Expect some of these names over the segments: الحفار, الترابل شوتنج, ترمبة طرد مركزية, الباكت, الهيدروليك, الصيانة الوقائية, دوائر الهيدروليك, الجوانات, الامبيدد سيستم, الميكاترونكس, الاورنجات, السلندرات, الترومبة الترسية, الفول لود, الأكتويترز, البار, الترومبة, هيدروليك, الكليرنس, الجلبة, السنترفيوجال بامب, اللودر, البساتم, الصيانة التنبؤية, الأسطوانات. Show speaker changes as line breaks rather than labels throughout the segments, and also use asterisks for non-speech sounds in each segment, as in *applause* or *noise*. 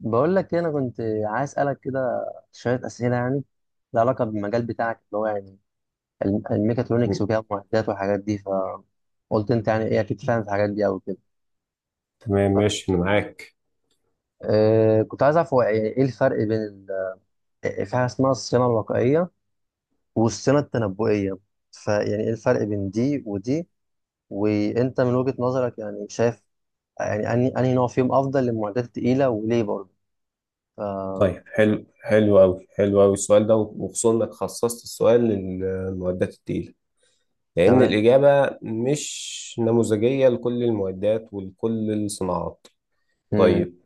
بقول لك إيه، انا كنت عايز اسالك كده شويه اسئله يعني لها علاقه بالمجال بتاعك اللي هو يعني الميكاترونكس وكده المعدات والحاجات دي. فقلت انت يعني ايه اكيد فاهم في الحاجات دي قوي كده.
تمام
ف-
ماشي انا معاك.
كنت عايز اعرف هو يعني ايه الفرق بين ال- آه، في حاجه اسمها الصيانه الوقائيه والصيانه التنبؤيه، فيعني ايه الفرق بين دي ودي، وانت من وجهه نظرك يعني شايف يعني انهي نوع فيهم افضل للمعدات التقيله وليه برضه؟ ف-
طيب حلو قوي السؤال ده، وخصوصا انك خصصت السؤال للمعدات التقيله، لان
تمام.
الاجابه مش نموذجيه لكل المعدات ولكل الصناعات.
مم.
طيب،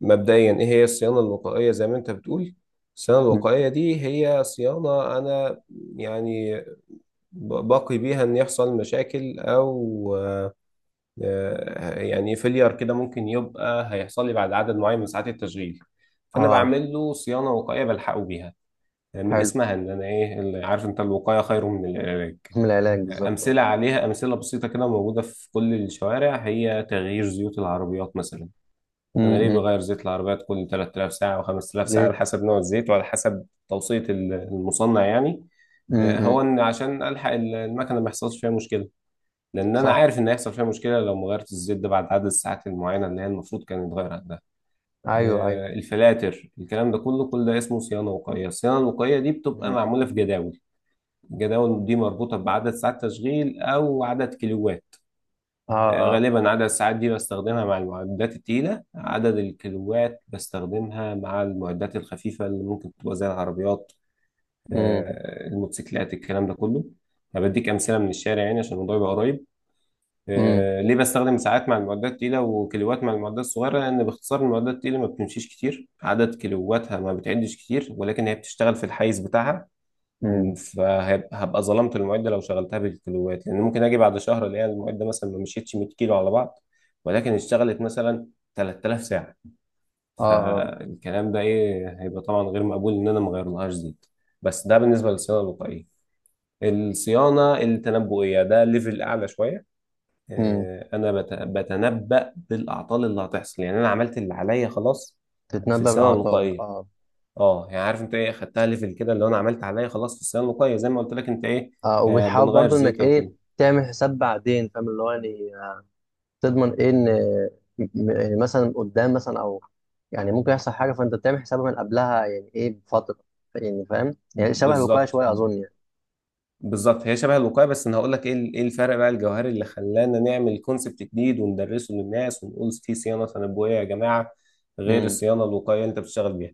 مبدئيا ايه هي الصيانه الوقائيه؟ زي ما انت بتقول، الصيانه
مم.
الوقائيه دي هي صيانه انا يعني باقي بيها ان يحصل مشاكل، او يعني فيلير كده ممكن يبقى هيحصل لي بعد عدد معين من ساعات التشغيل، فانا
اه.
بعمل له صيانه وقايه بلحقه بيها. من
حلو.
اسمها، ان انا ايه اللي عارف انت، الوقايه خير من العلاج.
من العلاج
امثله
بالظبط.
عليها، امثله بسيطه كده موجوده في كل الشوارع، هي تغيير زيوت العربيات مثلا. انا ليه
امم.
بغير زيت العربيات كل 3000 ساعه و5000 ساعه؟
ليه.
على حسب نوع الزيت وعلى حسب توصيه المصنع يعني. هو
امم.
ان عشان الحق المكنه ما يحصلش فيها مشكله، لان انا
صح.
عارف ان هيحصل فيها مشكله لو ما غيرت الزيت ده بعد عدد الساعات المعينه اللي هي المفروض كان يتغير عندها.
ايوه ايوه.
الفلاتر، الكلام ده كله، كل ده اسمه صيانه وقائيه. الصيانه الوقائيه دي بتبقى
امم.
معموله في جداول، الجداول دي مربوطه بعدد ساعات تشغيل او عدد كيلوات.
اه اه.
غالبا عدد الساعات دي بستخدمها مع المعدات التقيله، عدد الكيلوات بستخدمها مع المعدات الخفيفه اللي ممكن تبقى زي العربيات،
امم.
الموتوسيكلات، الكلام ده كله. أنا بديك امثله من الشارع يعني عشان الموضوع يبقى قريب.
امم.
ليه بستخدم ساعات مع المعدات التقيلة وكيلوات مع المعدات الصغيرة؟ لأن باختصار المعدات التقيلة ما بتمشيش كتير، عدد كيلواتها ما بتعدش كتير، ولكن هي بتشتغل في الحيز بتاعها،
امم.
فهبقى ظلمت المعدة لو شغلتها بالكيلوات، لأن ممكن أجي بعد شهر ألاقي المعدة مثلا ما مشيتش 100 كيلو على بعض، ولكن اشتغلت مثلا 3000 ساعة،
اه اه.
فالكلام ده إيه، هيبقى طبعا غير مقبول إن أنا ما أغيرلهاش زيت. بس ده بالنسبة للصيانة الوقائية. الصيانة التنبؤية ده ليفل أعلى شوية.
امم.
آه، انا بت- بتنبأ بالاعطال اللي هتحصل، يعني انا عملت اللي عليا خلاص في
تتنبأ
الثانويه
بالأعطال
الوقائيه.
اه.
اه يعني عارف انت ايه، خدتها ليفل كده، اللي هو انا عملت عليا خلاص في الثانويه الوقائيه زي ما قلت لك انت ايه،
اه وبتحاول
بنغير
برضو انك
زيت او
ايه
كده.
تعمل حساب بعدين فاهم اللي هو يعني تضمن ايه ان مثلا قدام مثلا او يعني ممكن يحصل حاجه فانت بتعمل حسابها من قبلها يعني ايه بفتره. يعني فاهم؟ يعني شبه الوقايه
بالظبط
شويه اظن يعني.
بالظبط هي شبه الوقايه، بس انا هقول لك ايه الفرق بقى الجوهري اللي خلانا نعمل كونسبت جديد وندرسه للناس ونقول في صيانه تنبؤيه يا جماعه غير
امم.
الصيانه الوقائيه اللي انت بتشتغل بيها.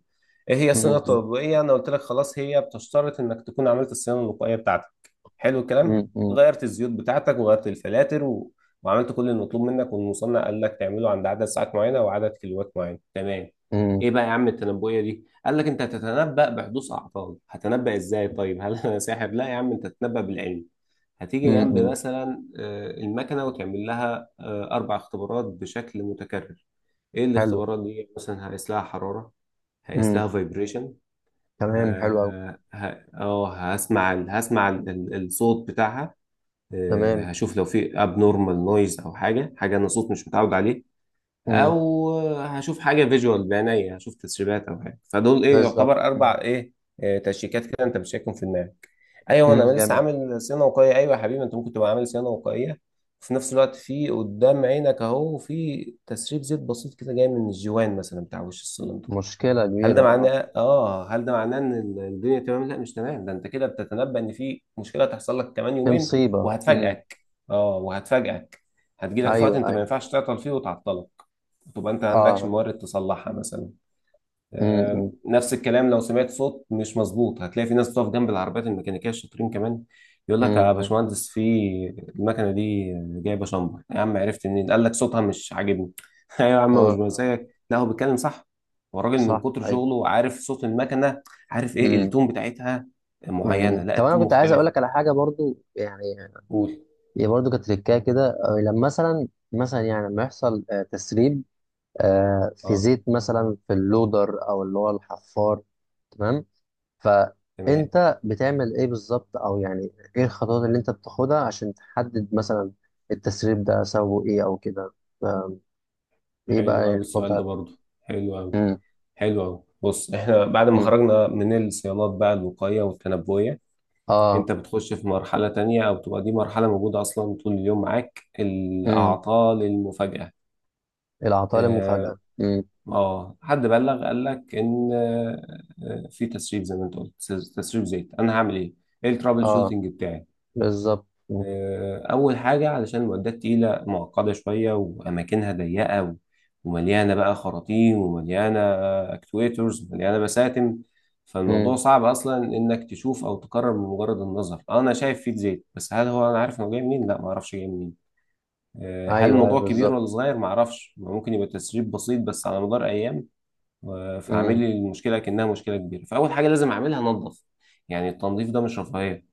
ايه هي الصيانه
امم.
التنبؤيه؟ انا قلت لك خلاص هي بتشترط انك تكون عملت الصيانه الوقائيه بتاعتك. حلو الكلام؟
امم. امم.
غيرت الزيوت بتاعتك وغيرت الفلاتر، وعملت كل المطلوب منك، والمصنع قال لك تعمله عند عدد ساعات معينه وعدد كيلوات معين. تمام.
امم.
ايه بقى يا عم التنبؤيه دي؟ قال لك انت هتتنبأ بحدوث اعطال. هتنبأ ازاي؟ طيب هل انا ساحر؟ لا يا عم، انت تتنبأ بالعلم. هتيجي
امم.
جنب
امم.
مثلا المكنه وتعمل لها اربع اختبارات بشكل متكرر. ايه
حلو.
الاختبارات دي؟ مثلا هقيس لها حراره، هقيس
امم.
لها فايبريشن،
تمام حلو قوي.
هسمع الصوت بتاعها،
تمام.
هشوف لو في اب نورمال نويز او حاجه انا صوت مش متعود عليه،
امم.
او هشوف حاجه فيجوال بعينيا، هشوف تسريبات او حاجه، فدول ايه،
بالظبط.
يعتبر
مم.
اربع ايه، تشيكات كده انت بتشيكهم في دماغك. ايوه انا
مم،
لسه
جامد.
عامل صيانه وقائيه. ايوه يا حبيبي، انت ممكن تبقى عامل صيانه وقائيه وفي نفس الوقت في قدام عينك اهو في تسريب زيت بسيط كده جاي من الجوان مثلا بتاع وش السلم.
مشكلة
هل
كبيرة
ده
اه.
معناه اه، هل ده معناه ان الدنيا تمام؟ لا مش تمام، ده انت كده بتتنبأ ان في مشكله هتحصل لك كمان
في
يومين
مصيبة مم.
وهتفاجئك. اه وهتفاجئك، هتجيلك في وقت
ايوه
انت ما
ايوه.
ينفعش تعطل فيه وتعطلك، تبقى انت ما عندكش
اه.
مورد تصلحها مثلا.
مم. مم.
نفس الكلام لو سمعت صوت مش مظبوط. هتلاقي في ناس بتقف جنب العربيات الميكانيكيه الشاطرين كمان، يقول لك
مم.
يا
مم.
باشمهندس في المكنه دي جايبه شمبر. يا عم عرفت منين؟ قال لك صوتها مش عاجبني. *laughs* ايوه يا عم، مش
اه اه.
مزاجك، لا هو بيتكلم صح. هو الراجل من
صح
كتر
ايوه.
شغله عارف صوت المكنه، عارف ايه
مم.
التون بتاعتها
مم.
معينه، لا
طب انا
التون
كنت عايز اقول
مختلفه.
لك على حاجة برضو يعني.
قول.
هي برضو كانت تريكايه كده، لما مثلا يعني لما يحصل تسريب، في
اه.
زيت مثلا في اللودر او اللي هو الحفار. تمام.
تمام،
فانت بتعمل ايه بالظبط او يعني ايه الخطوات اللي انت بتاخدها عشان تحدد مثلا التسريب ده سببه ايه او كده؟ ف- ايه بقى
حلو قوي
الخطوات
السؤال ده
بتاعتك؟
برضه، حلو قوي.
امم.
حلو قوي، بص، احنا بعد ما
امم.
خرجنا من الصيانات بقى، الوقايه والتنبؤيه،
اه.
انت بتخش في مرحلة تانية، او بتبقى دي مرحلة موجودة اصلا طول اليوم معاك،
امم.
الاعطال المفاجئة.
العطاء
اه،
المفاجأة. امم.
حد بلغ قال لك ان في تسريب زي ما انت قلت، تسريب زيت، انا هعمل ايه؟ ايه الترابل
اه.
شوتنج بتاعي؟
بالظبط. امم.
أول حاجة، علشان المعدات تقيلة معقدة شوية وأماكنها ضيقة ومليانة بقى خراطيم، ومليانة أكتويترز، ومليانة بساتم، فالموضوع
أمم.
صعب أصلا إنك تشوف أو تقرر من مجرد النظر. أنا شايف فيه زيت، بس هل هو أنا عارف إنه جاي منين؟ لا معرفش جاي منين. هل
ايوه ايوه
الموضوع كبير ولا
بالظبط.
صغير؟ معرفش، ممكن يبقى تسريب بسيط بس على مدار أيام فعامل
امم.
لي المشكلة كأنها مشكلة كبيرة. فأول حاجة لازم أعملها أنظف. يعني التنظيف ده مش رفاهية،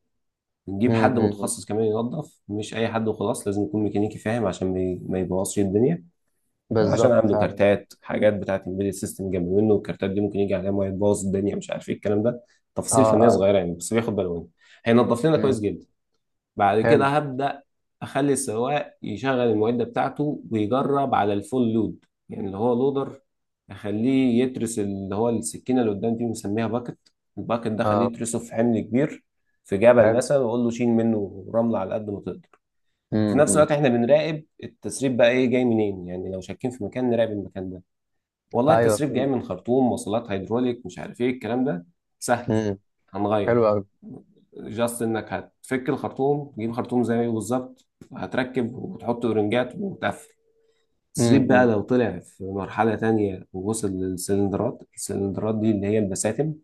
نجيب
امم.
حد
أمم.
متخصص كمان ينظف، مش اي حد وخلاص، لازم يكون ميكانيكي فاهم عشان ما يبوظش الدنيا، عشان
بالظبط
عنده
فعلا.
كارتات، حاجات بتاعه الامبيدد سيستم جنب منه، والكارتات دي ممكن يجي عليها ميه تبوظ الدنيا، مش عارف ايه الكلام ده،
اه.
تفاصيل فنيه
اه.
صغيره يعني بس بياخد باله منها. هينظف لنا كويس
امم.
جدا. بعد كده
حلو.
هبدأ، أخلي السواق يشغل المعدة بتاعته ويجرب على الفول لود، يعني اللي هو لودر، أخليه يترس، اللي هو السكينة اللي قدام دي بنسميها باكت، الباكت ده خليه
اه.
يترسه في حمل كبير، في جبل
حلو.
مثلا، وأقول له شيل منه رملة على قد ما تقدر. وفي
امم.
نفس
أمم.
الوقت احنا بنراقب التسريب بقى ايه جاي منين، يعني لو شاكين في مكان نراقب المكان ده. والله
ايوه
التسريب جاي
فهمت.
من خرطوم وصلات هيدروليك، مش عارف ايه الكلام ده، سهل،
امم. حلو
هنغير،
قوي.
جاست انك هتفك الخرطوم تجيب خرطوم زيه بالظبط، هتركب وتحط اورنجات وتقفل.
امم.
السرير بقى
أمم.
لو طلع في مرحلة تانية ووصل للسلندرات، السلندرات دي اللي هي البساتم،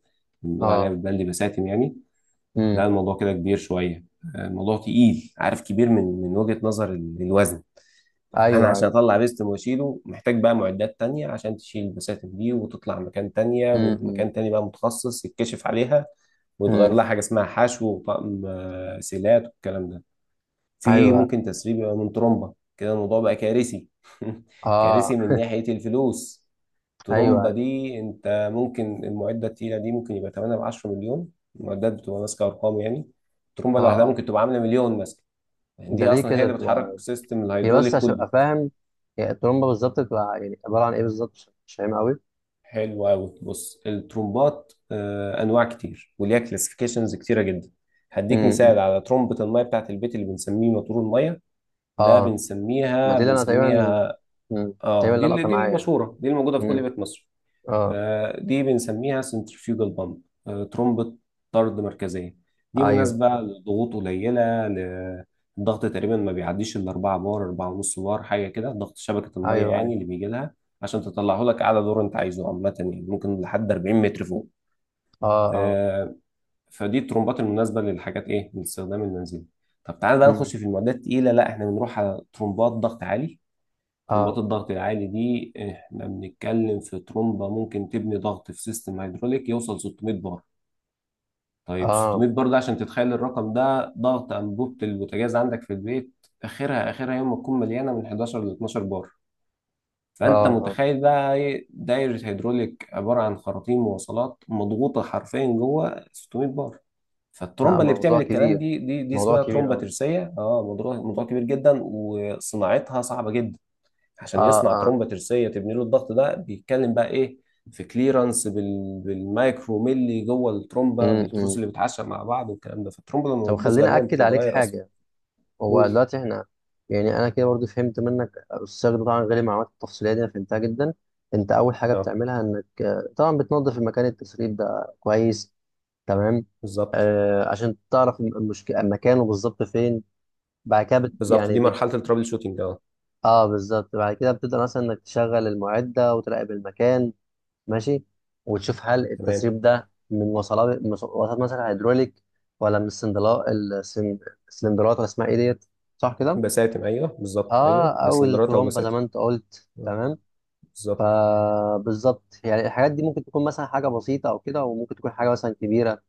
بنقول عليها
اه.
بالبلدي بساتم يعني.
امم.
لا الموضوع كده كبير شوية، الموضوع تقيل، عارف، كبير من وجهة نظر الوزن. انا
ايوه
عشان
ايوه.
اطلع بيستم واشيله محتاج بقى معدات تانية عشان تشيل البساتين دي وتطلع مكان تانية،
امم. أمم.
ومكان تاني بقى متخصص يتكشف عليها ويتغير
أمم.
لها حاجة اسمها حشو وطقم سيلات والكلام ده. في
ايوه.
ممكن تسريب يبقى من ترومبة، كده الموضوع بقى كارثي. *laughs*
اه.
كارثي من ناحية الفلوس.
ايوه.
ترومبة
أيوه،
دي، انت ممكن المعدة التقيلة دي ممكن يبقى 8 ب 10 مليون، المعدات بتبقى ماسكة ارقام يعني. الترومبة
اه
لوحدها
اه.
ممكن تبقى عاملة مليون مثلا، يعني
ده
دي
ليه
اصلا هي
كده
اللي
بتبقى؟
بتحرك سيستم
هي بس
الهيدروليك
عشان
كله.
ابقى فاهم، هي الترومبه بالظبط بتبقى يعني عباره عن ايه بالظبط؟ مش فاهم قوي.
حلو قوي، بص، الترومبات انواع كتير وليها كلاسيفيكيشنز كتيره جدا. هديك
امم. إمم.
مثال على ترومبة المية بتاعت البيت، اللي بنسميه موتور المية، ده
اه. ما
بنسميها
دي اللي انا تقريبا.
بنسميها
امم. تقريبا
اه دي
اللي
اللي،
لقطه
دي
معايا يعني.
المشهورة دي الموجودة في كل
امم.
بيت مصري.
اه.
دي بنسميها سنترفيوجال بامب، ترمبة طرد مركزية. دي
ايوه.
مناسبة لضغوط قليلة، الضغط تقريبا ما بيعديش ال 4 بار، 4 ونص بار حاجة كده، ضغط شبكة المية
ايوه. ايوه.
يعني اللي بيجي لها عشان تطلعه لك أعلى دور أنت عايزه، عامة يعني ممكن لحد 40 متر فوق.
اه. اه.
آه، فدي الترمبات المناسبة للحاجات، إيه، للاستخدام المنزلي. طب تعالى بقى
امم.
نخش في المعدات التقيلة، لا إحنا بنروح على ترمبات ضغط عالي. ترمبات
اه.
الضغط العالي دي احنا بنتكلم في ترمبة ممكن تبني ضغط في سيستم هيدروليك يوصل 600 بار. طيب
اه.
600 بار ده عشان تتخيل الرقم ده، ضغط أنبوبة البوتاجاز عندك في البيت آخرها، آخرها يوم ما تكون مليانة من 11 ل 12 بار.
اه.
فأنت
اه.
متخيل بقى إيه، دايرة هيدروليك عبارة عن خراطيم مواصلات مضغوطة حرفيا جوه 600 بار.
لا
فالترومبه اللي بتعمل
موضوع
الكلام
كبير،
دي
موضوع
اسمها
كبير
ترومبه
اه.
ترسيه، اه، موضوع كبير جدا وصناعتها صعبه جدا. عشان
اه.
يصنع
اه.
ترومبه ترسيه تبني له الضغط ده، بيتكلم بقى ايه، في كليرنس بالمايكرو ملي جوه الترومبه،
امم.
بالتروس
إمم.
اللي بتعشق مع بعض والكلام ده. فالترومبه لما
طب
بتبوظ
خليني
غالبا
اكد عليك
بتتغير اصلا.
حاجه. هو
قول.
دلوقتي احنا يعني انا كده برضو فهمت منك السياق ده، طبعا غير المعلومات التفصيليه دي انا فهمتها جدا. انت اول حاجه
اه
بتعملها انك طبعا بتنظف المكان التسريب ده كويس. تمام.
بالظبط.
آه عشان تعرف المشكله مكانه بالظبط فين. بعد كده بت
بالظبط،
يعني
دي
بت
مرحله الترابل شوتنج اه.
اه بالظبط. بعد كده بتبدا مثلا انك تشغل المعده وتراقب المكان. ماشي. وتشوف هل
تمام.
التسريب ده من وصلات مثلا هيدروليك، ولا من السلندرات ولا اسمها ايه ديت؟ صح كده؟
بساتم، ايوه بالظبط، ايوه
اه او
السلندرات او
الترومبه زي
بساتم.
ما انت قلت.
اه
تمام.
بالظبط.
فبالظبط يعني الحاجات دي ممكن تكون مثلا حاجه بسيطه او كده وممكن تكون حاجه مثلا كبيره.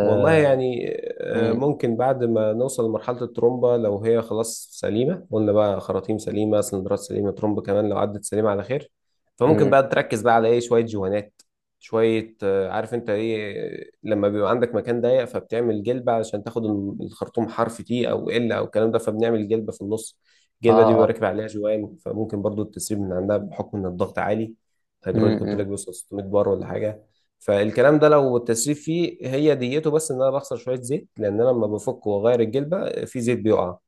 والله يعني
مم.
ممكن بعد ما نوصل لمرحلة الترومبة، لو هي خلاص سليمة، قلنا بقى خراطيم سليمة، سلندرات سليمة، ترومبة كمان لو عدت سليمة على خير، فممكن
مم.
بقى تركز بقى على ايه، شوية جوانات، شوية عارف انت ايه، لما بيبقى عندك مكان ضيق فبتعمل جلبة علشان تاخد الخرطوم حرف تي او ال او الكلام ده، فبنعمل جلبة في النص.
اه
الجلبة دي بيبقى
اه.
راكب عليها جوان، فممكن برضو التسريب من عندها بحكم ان الضغط عالي، هيدروليك
مم.
قلت
مم.
لك بيوصل 600 بار ولا حاجة. فالكلام ده لو التسريب فيه هي ديته، بس ان انا بخسر شويه زيت لان انا لما بفك واغير الجلبه في زيت بيقع،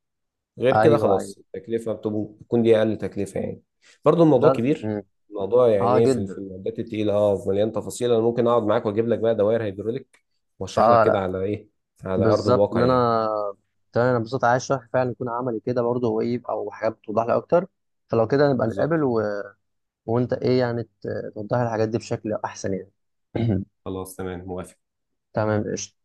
غير كده
ايوه ايوه.
خلاص التكلفه بتكون دي اقل تكلفه يعني. برضو الموضوع
لا
كبير،
مم.
الموضوع
اه
يعني ايه في في
جدا.
المعدات التقيله، اه مليان تفاصيل. انا ممكن اقعد معاك واجيب لك بقى دوائر هيدروليك واشرح لك
اه
كده
لا
على ايه، على ارض
بالظبط
الواقع
ان
يعني.
انا. تمام انا بالظبط عايز شرح فعلا يكون عملي كده برضه هو ايه او حاجات بتوضح لي اكتر. فلو كده نبقى نتقابل
بالظبط.
و... وانت ايه يعني توضح لي الحاجات دي بشكل احسن يعني.
خلاص تمام، موافق.
*clears throat* تمام قشطة.